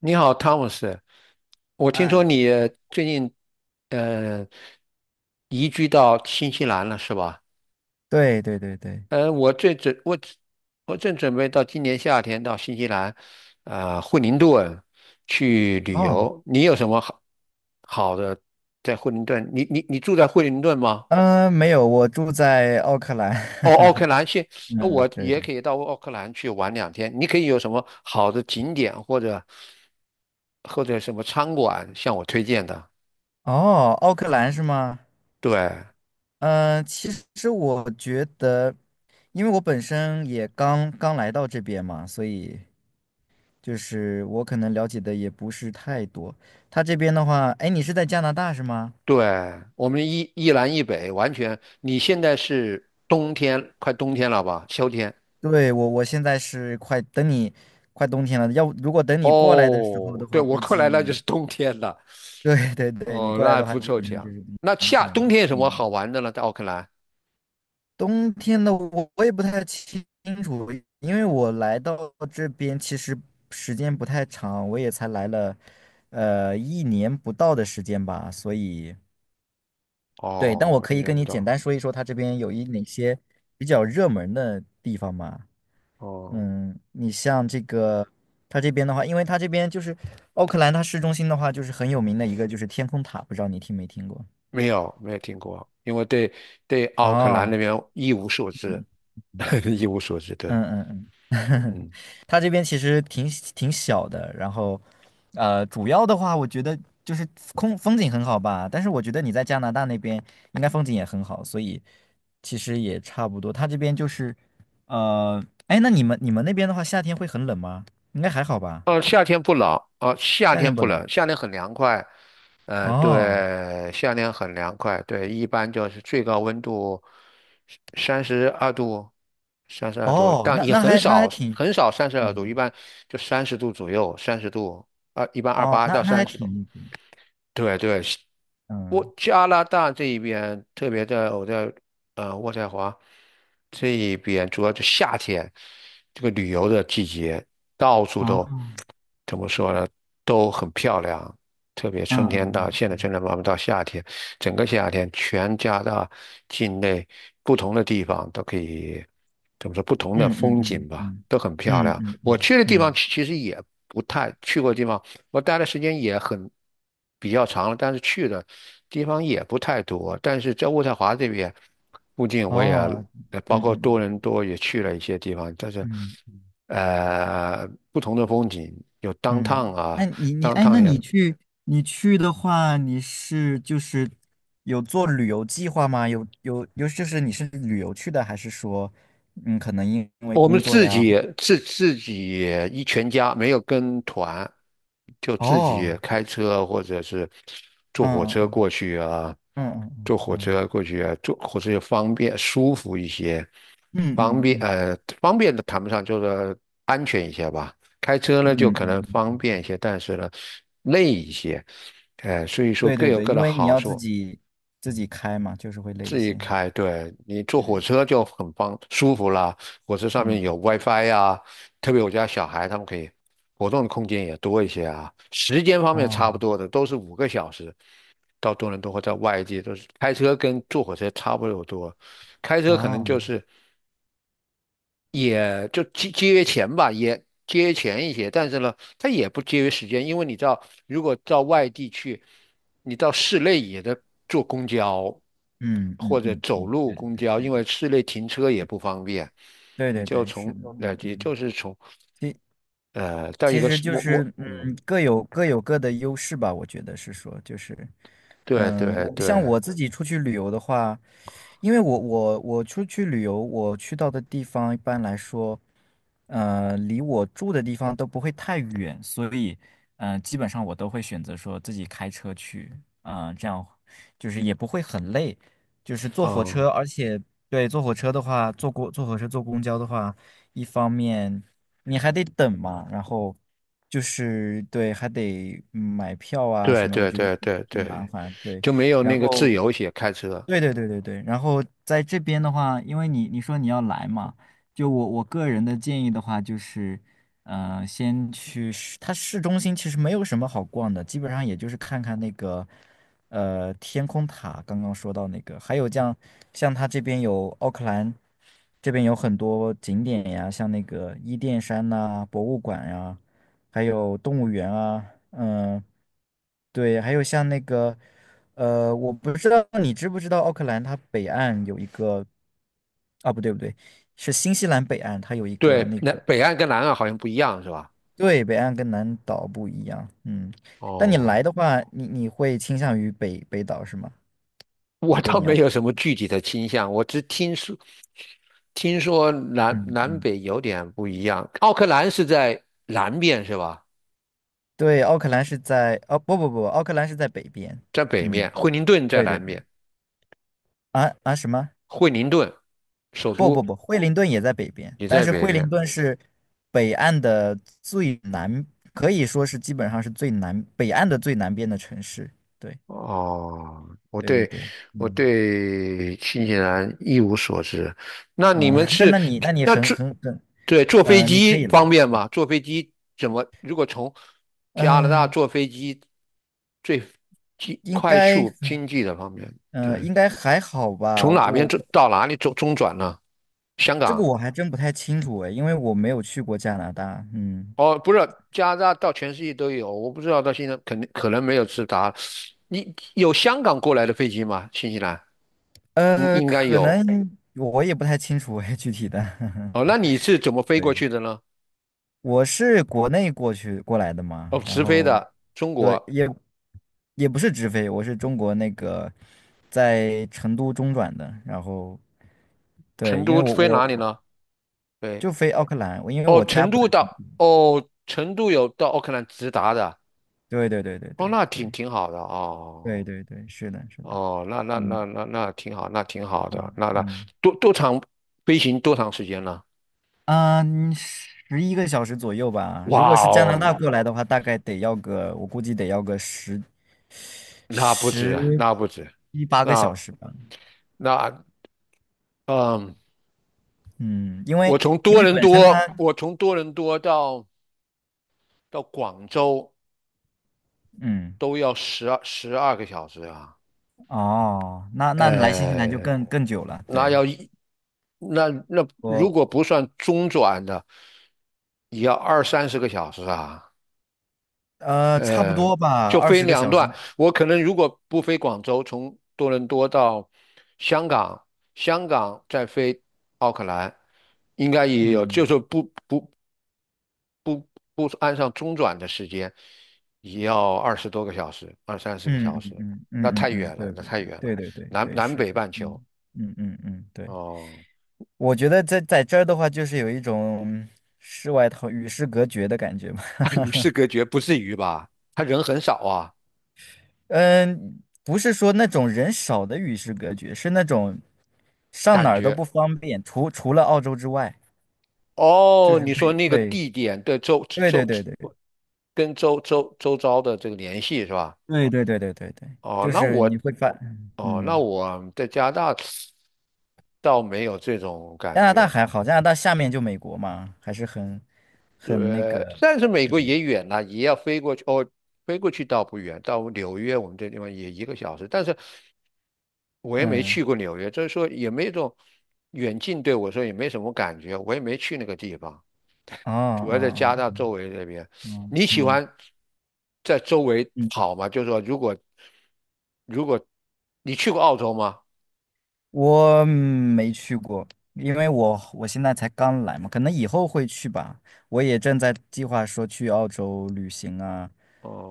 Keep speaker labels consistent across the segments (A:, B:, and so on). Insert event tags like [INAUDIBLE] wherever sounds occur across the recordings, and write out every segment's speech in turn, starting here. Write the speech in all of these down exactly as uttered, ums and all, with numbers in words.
A: 你好汤姆 o， 我听说
B: 嗯，
A: 你最近呃移居到新西兰了，是吧？
B: 对对对对，
A: 呃，我最准我我正准备到今年夏天到新西兰，啊、惠灵顿去旅
B: 哦，
A: 游。你有什么好好的在惠灵顿？你你你住在惠灵顿吗？
B: 嗯、没有，我住在奥克兰。
A: 哦，奥克
B: [LAUGHS]
A: 兰现
B: 嗯
A: 那我
B: 嗯，对
A: 也
B: 对。
A: 可以到奥克兰去玩两天。你可以有什么好的景点或者或者什么餐馆向我推荐的？
B: 哦，奥克兰是吗？
A: 对。
B: 嗯、其实我觉得，因为我本身也刚刚来到这边嘛，所以就是我可能了解的也不是太多。他这边的话，哎，你是在加拿大是吗？
A: 对，我们一一南一北，完全。你现在是冬天，快冬天了吧？秋天？
B: 对，我我现在是快等你快冬天了，要如果等你过来的时候
A: 哦，
B: 的
A: 对，
B: 话，
A: 我
B: 估
A: 过来那就
B: 计。
A: 是冬天了。
B: [LAUGHS] 对对对，你
A: 哦，
B: 过
A: 那
B: 来
A: 还
B: 的话，
A: 不
B: 基
A: 凑
B: 本上
A: 巧。
B: 就是
A: 那
B: 冬
A: 夏
B: 天
A: 冬
B: 了。
A: 天有什么
B: 嗯，
A: 好玩的呢？在奥克兰？
B: 冬天的我我也不太清楚，因为我来到这边其实时间不太长，我也才来了，呃，一年不到的时间吧。所以，对，但我
A: 哦，
B: 可
A: 意
B: 以
A: 想
B: 跟
A: 不
B: 你简
A: 到。
B: 单说一说，它这边有一哪些比较热门的地方嘛？
A: 哦，
B: 嗯，你像这个，它这边的话，因为它这边就是奥克兰，它市中心的话，就是很有名的一个就是天空塔，不知道你听没听过？
A: 没有，没有听过，因为对对奥克兰那
B: 哦，
A: 边一无所知，[LAUGHS] 一无所知。对，
B: 嗯嗯嗯，[LAUGHS]
A: 嗯。
B: 它这边其实挺挺小的，然后，呃，主要的话，我觉得就是空风景很好吧，但是我觉得你在加拿大那边应该风景也很好，所以其实也差不多。它这边就是，呃，哎，那你们你们那边的话，夏天会很冷吗？应该还好吧，
A: 哦，夏天不冷，哦，夏
B: 夏
A: 天
B: 天不
A: 不冷，
B: 冷。
A: 夏天很凉快，呃，
B: 哦
A: 对，夏天很凉快，对，一般就是最高温度三十二度，三十二度，
B: 哦，
A: 但
B: 那
A: 也
B: 那
A: 很
B: 还那
A: 少
B: 还挺，
A: 很少三十二度，一
B: 嗯，
A: 般就三十度左右，三十度，二一般二
B: 哦，
A: 八
B: 那
A: 到
B: 那还
A: 三十度，
B: 挺，
A: 对对，
B: 嗯，
A: 我加拿大这一边，特别在我在呃渥太华这一边，主要就夏天这个旅游的季节，到处都
B: 哦，
A: 怎么说呢，都很漂亮。特别
B: 嗯
A: 春天到
B: 嗯
A: 现在，
B: 嗯
A: 正天慢慢到夏天，整个夏天全加拿大境内不同的地方都可以怎么说，不同的
B: 嗯嗯
A: 风景
B: 嗯
A: 吧，
B: 嗯
A: 都很漂
B: 嗯
A: 亮。
B: 嗯嗯。
A: 我
B: 嗯
A: 去的地方
B: 嗯
A: 其其实也不太去过的地方，我待的时间也很比较长了，但是去的地方也不太多，但是在渥太华这边附近，我也
B: 哦，
A: 呃包
B: 嗯
A: 括多
B: 嗯
A: 伦多也去了一些地方，但是
B: 嗯
A: 呃不同的风景有 downtown
B: 嗯，
A: 啊
B: 那你你哎，那
A: ，downtown 也
B: 你去你去的话，你是就是有做旅游计划吗？有有有，就是你是旅游去的，还是说嗯，可能因为
A: 我们
B: 工作
A: 自
B: 呀？
A: 己
B: 或
A: 自自己一全家没有跟团，就自己
B: 哦，
A: 开车或者是坐火
B: 嗯
A: 车过
B: 嗯
A: 去啊，
B: 嗯
A: 坐火
B: 嗯
A: 车过去啊，坐火车也方便舒服一些，
B: 嗯
A: 方
B: 嗯
A: 便
B: 嗯嗯
A: 呃方便的谈不上，就是安全一些吧。开车
B: 嗯
A: 呢就可
B: 嗯
A: 能
B: 嗯，
A: 方
B: 嗯
A: 便一些，但是呢累一些，呃，所以说
B: 对
A: 各
B: 对
A: 有
B: 对，
A: 各
B: 因
A: 的
B: 为你
A: 好
B: 要自
A: 处。
B: 己自己开嘛，就是会累一
A: 自己
B: 些，
A: 开，对，你坐
B: 对
A: 火
B: 对，
A: 车就很方舒服啦。火车上
B: 嗯，
A: 面有 WiFi 呀，特别我家小孩他们可以活动的空间也多一些啊。时间方面
B: 哦
A: 差不多的，都是五个小时。到多伦多或在外地都是开车跟坐火车差不多多，开车可能就
B: 哦，
A: 是也就节节约钱吧，也节约钱一些，但是呢，它也不节约时间，因为你知道，如果到外地去，你到市内也得坐公交
B: 嗯嗯
A: 或者
B: 嗯
A: 走
B: 嗯，
A: 路
B: 对
A: 公
B: 对
A: 交，因
B: 对
A: 为
B: 对
A: 市内停车也不方便，
B: 对
A: 你
B: 对对
A: 就
B: 对，是
A: 从
B: 的，
A: 呃，
B: 嗯
A: 也
B: 嗯。
A: 就是从
B: 其
A: 呃到一
B: 其
A: 个
B: 实
A: 是
B: 就
A: 摸
B: 但
A: 摸，
B: 是嗯，
A: 嗯，
B: 各有各有各的优势吧。我觉得是说，就是
A: 对
B: 嗯，
A: 对
B: 我像
A: 对，
B: 我自己出去旅游的话，因为我我我出去旅游，我去到的地方一般来说，呃，离我住的地方都不会太远，所以嗯、呃基本上我都会选择说自己开车去，嗯、这样就是也不会很累，就是坐火
A: 嗯，
B: 车，而且对坐火车的话，坐过坐火车坐公交的话，一方面。你还得等嘛，然后就是对，还得买票啊
A: 对
B: 什么，我
A: 对
B: 觉得
A: 对对
B: 挺麻
A: 对，
B: 烦。对，
A: 就没有
B: 然
A: 那个自
B: 后
A: 由一些开车，
B: 对对对对对，然后在这边的话，因为你你说你要来嘛，就我我个人的建议的话，就是，呃，先去市，它市中心其实没有什么好逛的，基本上也就是看看那个，呃，天空塔，刚刚说到那个，还有像像它这边有奥克兰，这边有很多景点呀，像那个伊甸山呐、博物馆呀、还有动物园啊，嗯、对，还有像那个，呃，我不知道你知不知道奥克兰它北岸有一个，啊，不对不对，是新西兰北岸，它有一个
A: 对，
B: 那
A: 那
B: 个，
A: 北岸跟南岸好像不一样是吧？
B: 对，北岸跟南岛不一样，嗯。但你来
A: 哦。
B: 的话，你你会倾向于北北岛是吗？
A: 我
B: 如果
A: 倒
B: 你要
A: 没
B: 来
A: 有什么具体的倾向，我只听说听说南
B: 嗯
A: 南
B: 嗯，
A: 北有点不一样。奥克兰是在南面是吧？
B: 对，奥克兰是在，哦不不不，奥克兰是在北边，
A: 在北面，
B: 嗯，
A: 惠灵顿在
B: 对对
A: 南
B: 对，
A: 面，
B: 啊啊什么？
A: 惠灵顿首
B: 不不
A: 都
B: 不，惠灵顿也在北边，
A: 也
B: 但
A: 在
B: 是
A: 北
B: 惠
A: 面。
B: 灵顿是北岸的最南，可以说是基本上是最南，北岸的最南边的城市。对
A: 哦，我
B: 对对
A: 对
B: 对，
A: 我
B: 嗯
A: 对新西兰一无所知。那你
B: 啊、呃
A: 们
B: [LAUGHS] 那
A: 是
B: 那你那你
A: 那
B: 很
A: 坐
B: 很很，
A: 对，坐飞
B: 呃，你可
A: 机
B: 以
A: 方
B: 来，
A: 便吗？坐飞机怎么？如果从加拿大
B: 嗯、
A: 坐飞机最经
B: 应
A: 快
B: 该
A: 速经济的方面，
B: 嗯、呃
A: 对，
B: 应该还好吧，
A: 从哪边
B: 我
A: 中到哪里中中转呢？香
B: 这个
A: 港。
B: 我还真不太清楚哎，因为我没有去过加拿大，嗯
A: 哦，不是，加拿大到全世界都有，我不知道到现在肯定可能没有直达。你有香港过来的飞机吗？新西兰应
B: 呃，
A: 应该
B: 可
A: 有
B: 能我也不太清楚哎，具体的，
A: 哦。那你是怎么
B: [LAUGHS]
A: 飞过
B: 对。
A: 去的呢？
B: 我是国内过去过来的
A: 哦，
B: 嘛，然
A: 直飞
B: 后
A: 的中
B: 对
A: 国。
B: 也也不是直飞，我是中国那个在成都中转的，然后
A: 成
B: 对，因为
A: 都
B: 我
A: 飞
B: 我
A: 哪里
B: 我
A: 呢？对，
B: 就飞奥克兰，我因为
A: 哦，
B: 我家
A: 成
B: 不
A: 都
B: 在成
A: 到
B: 都。
A: 哦，成都有到奥克兰直达的
B: 对对对对
A: 哦，
B: 对
A: 那挺
B: 对
A: 挺好的
B: 对
A: 哦。
B: 对对，是的是的，
A: 哦，那那
B: 嗯
A: 那那那挺好，那挺好的，
B: 嗯
A: 那那
B: 嗯，
A: 多多长飞行多长时间呢？
B: 啊，嗯十一个小时左右吧。如果
A: 哇
B: 是加
A: 哦，
B: 拿大过来的话，大概得要个，我估计得要个十
A: 那不止啊，
B: 十
A: 那不止，
B: 一八个小
A: 那
B: 时吧。
A: 那嗯，
B: 嗯，因为
A: 我从
B: 因
A: 多
B: 为
A: 伦
B: 本身
A: 多，
B: 它，
A: 我从多伦多到到广州
B: 嗯，
A: 都要十二十二个小时啊，
B: 哦，那那来新西兰就
A: 呃，
B: 更更久了，
A: 那
B: 对，
A: 要一那那如
B: 我
A: 果不算中转的，也要二三十个小时啊。
B: 呃差不
A: 呃，
B: 多吧，
A: 就
B: 二
A: 飞
B: 十个
A: 两
B: 小
A: 段。
B: 时，
A: 我可能如果不飞广州，从多伦多到香港，香港再飞奥克兰，应该也有，就
B: 嗯
A: 是不不不按上中转的时间，也要二十多个小时，二三十个
B: 嗯
A: 小
B: 嗯
A: 时，
B: 嗯
A: 那
B: 嗯嗯
A: 太
B: 嗯，
A: 远了，
B: 对
A: 那
B: 对
A: 太
B: 对
A: 远了，
B: 对对对
A: 南
B: 对
A: 南
B: 是
A: 北半球
B: 嗯嗯嗯嗯，对，
A: 哦，
B: 我觉得在在这儿的话，就是有一种世外桃与世隔绝的感觉吧，
A: 那与世
B: [LAUGHS]
A: 隔绝，不至于吧？他人很少啊，
B: 嗯，不是说那种人少的与世隔绝，是那种上哪
A: 感
B: 儿都
A: 觉。
B: 不方便，除除了澳洲之外，就
A: 哦，
B: 是
A: 你说
B: 会
A: 那个
B: 对。
A: 地点，对，周
B: 对对
A: 周周，
B: 对对
A: 跟周周周遭的这个联系是吧？
B: 对对对对对对，
A: 哦，
B: 就
A: 那
B: 是
A: 我，
B: 你会发，
A: 哦，那
B: 嗯，
A: 我在加拿大倒没有这种
B: 加
A: 感
B: 拿大
A: 觉，
B: 还好，加拿大下面就美国嘛，还是很很那
A: 对，
B: 个，
A: 但是美国
B: 对，
A: 也远了，也要飞过去，哦，飞过去倒不远，到纽约我们这地方也一个小时，但是我也没
B: 嗯，
A: 去过纽约，就是说也没这种远近对我说也没什么感觉，我也没去那个地方。
B: 哦
A: 主要在加拿
B: 哦
A: 大周围那边。
B: 哦，哦
A: 你喜
B: 嗯
A: 欢在周围
B: 嗯，
A: 跑吗？就是说，如果如果你去过澳洲吗？
B: 我没去过，因为我我现在才刚来嘛，可能以后会去吧，我也正在计划说去澳洲旅行啊，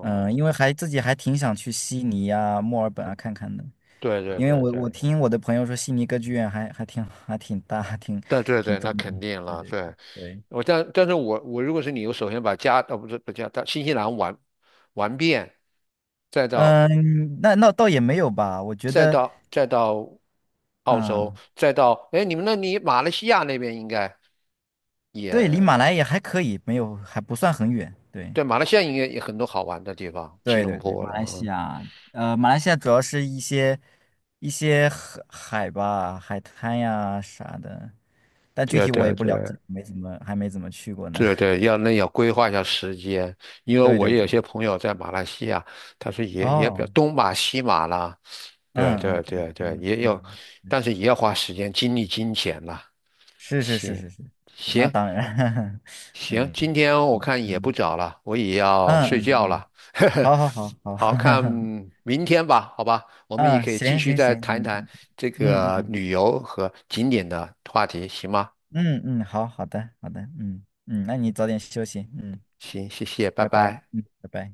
B: 嗯，因为还自己还挺想去悉尼啊、墨尔本啊看看的，
A: 对对
B: 因为
A: 对
B: 我我
A: 对，
B: 听我的朋友说，悉尼歌剧院还还挺还挺大，挺
A: 对对
B: 挺
A: 对，那
B: 壮
A: 肯
B: 观的。
A: 定
B: 对
A: 了。
B: 对
A: 对，
B: 对，
A: 我但但是我我如果是你，我首先把加呃不是不加，到新西兰玩玩遍，再到
B: 嗯，那那倒也没有吧，我觉
A: 再
B: 得，
A: 到再到澳洲，
B: 嗯，
A: 再到哎你们那里马来西亚那边应该。
B: 对，离马来也还可以，没有还不算很远。对
A: 对，马来西亚应该也很多好玩的地方，吉
B: 对
A: 隆
B: 对对，
A: 坡
B: 马来西
A: 了。
B: 亚，呃，马来西亚主要是一些一些海海吧，海滩呀啥的，但具
A: 对
B: 体我也
A: 对
B: 不了解，
A: 对
B: 没怎么还没怎么去过呢。
A: 对
B: [LAUGHS]
A: 对，要那要规划一下时间，因为
B: 对
A: 我
B: 对
A: 也有
B: 对，
A: 些朋友在马来西亚，他说也也比较
B: 哦，
A: 东马西马啦，
B: 嗯
A: 对对
B: 嗯
A: 对
B: 嗯
A: 对，
B: 嗯
A: 也有，
B: 嗯，
A: 但是也要花时间、精力、金钱啦。
B: 是是是
A: 行
B: 是是是那
A: 行
B: 当然，[LAUGHS]
A: 行，
B: 嗯
A: 今天我
B: 嗯
A: 看也不
B: 嗯
A: 早了，我也要
B: 嗯
A: 睡觉
B: 嗯，
A: 了。[LAUGHS]
B: 好好好好，
A: 好看，
B: [LAUGHS]
A: 明天吧，好吧，我们也
B: 嗯，
A: 可以继
B: 行
A: 续
B: 行
A: 再
B: 行，
A: 谈一谈这
B: 嗯
A: 个
B: 嗯
A: 旅游和景点的话题，行吗？
B: 嗯嗯嗯，好好的好的，嗯嗯，那你早点休息，嗯，
A: 行，谢谢，拜
B: 拜拜，
A: 拜。
B: 嗯，拜拜。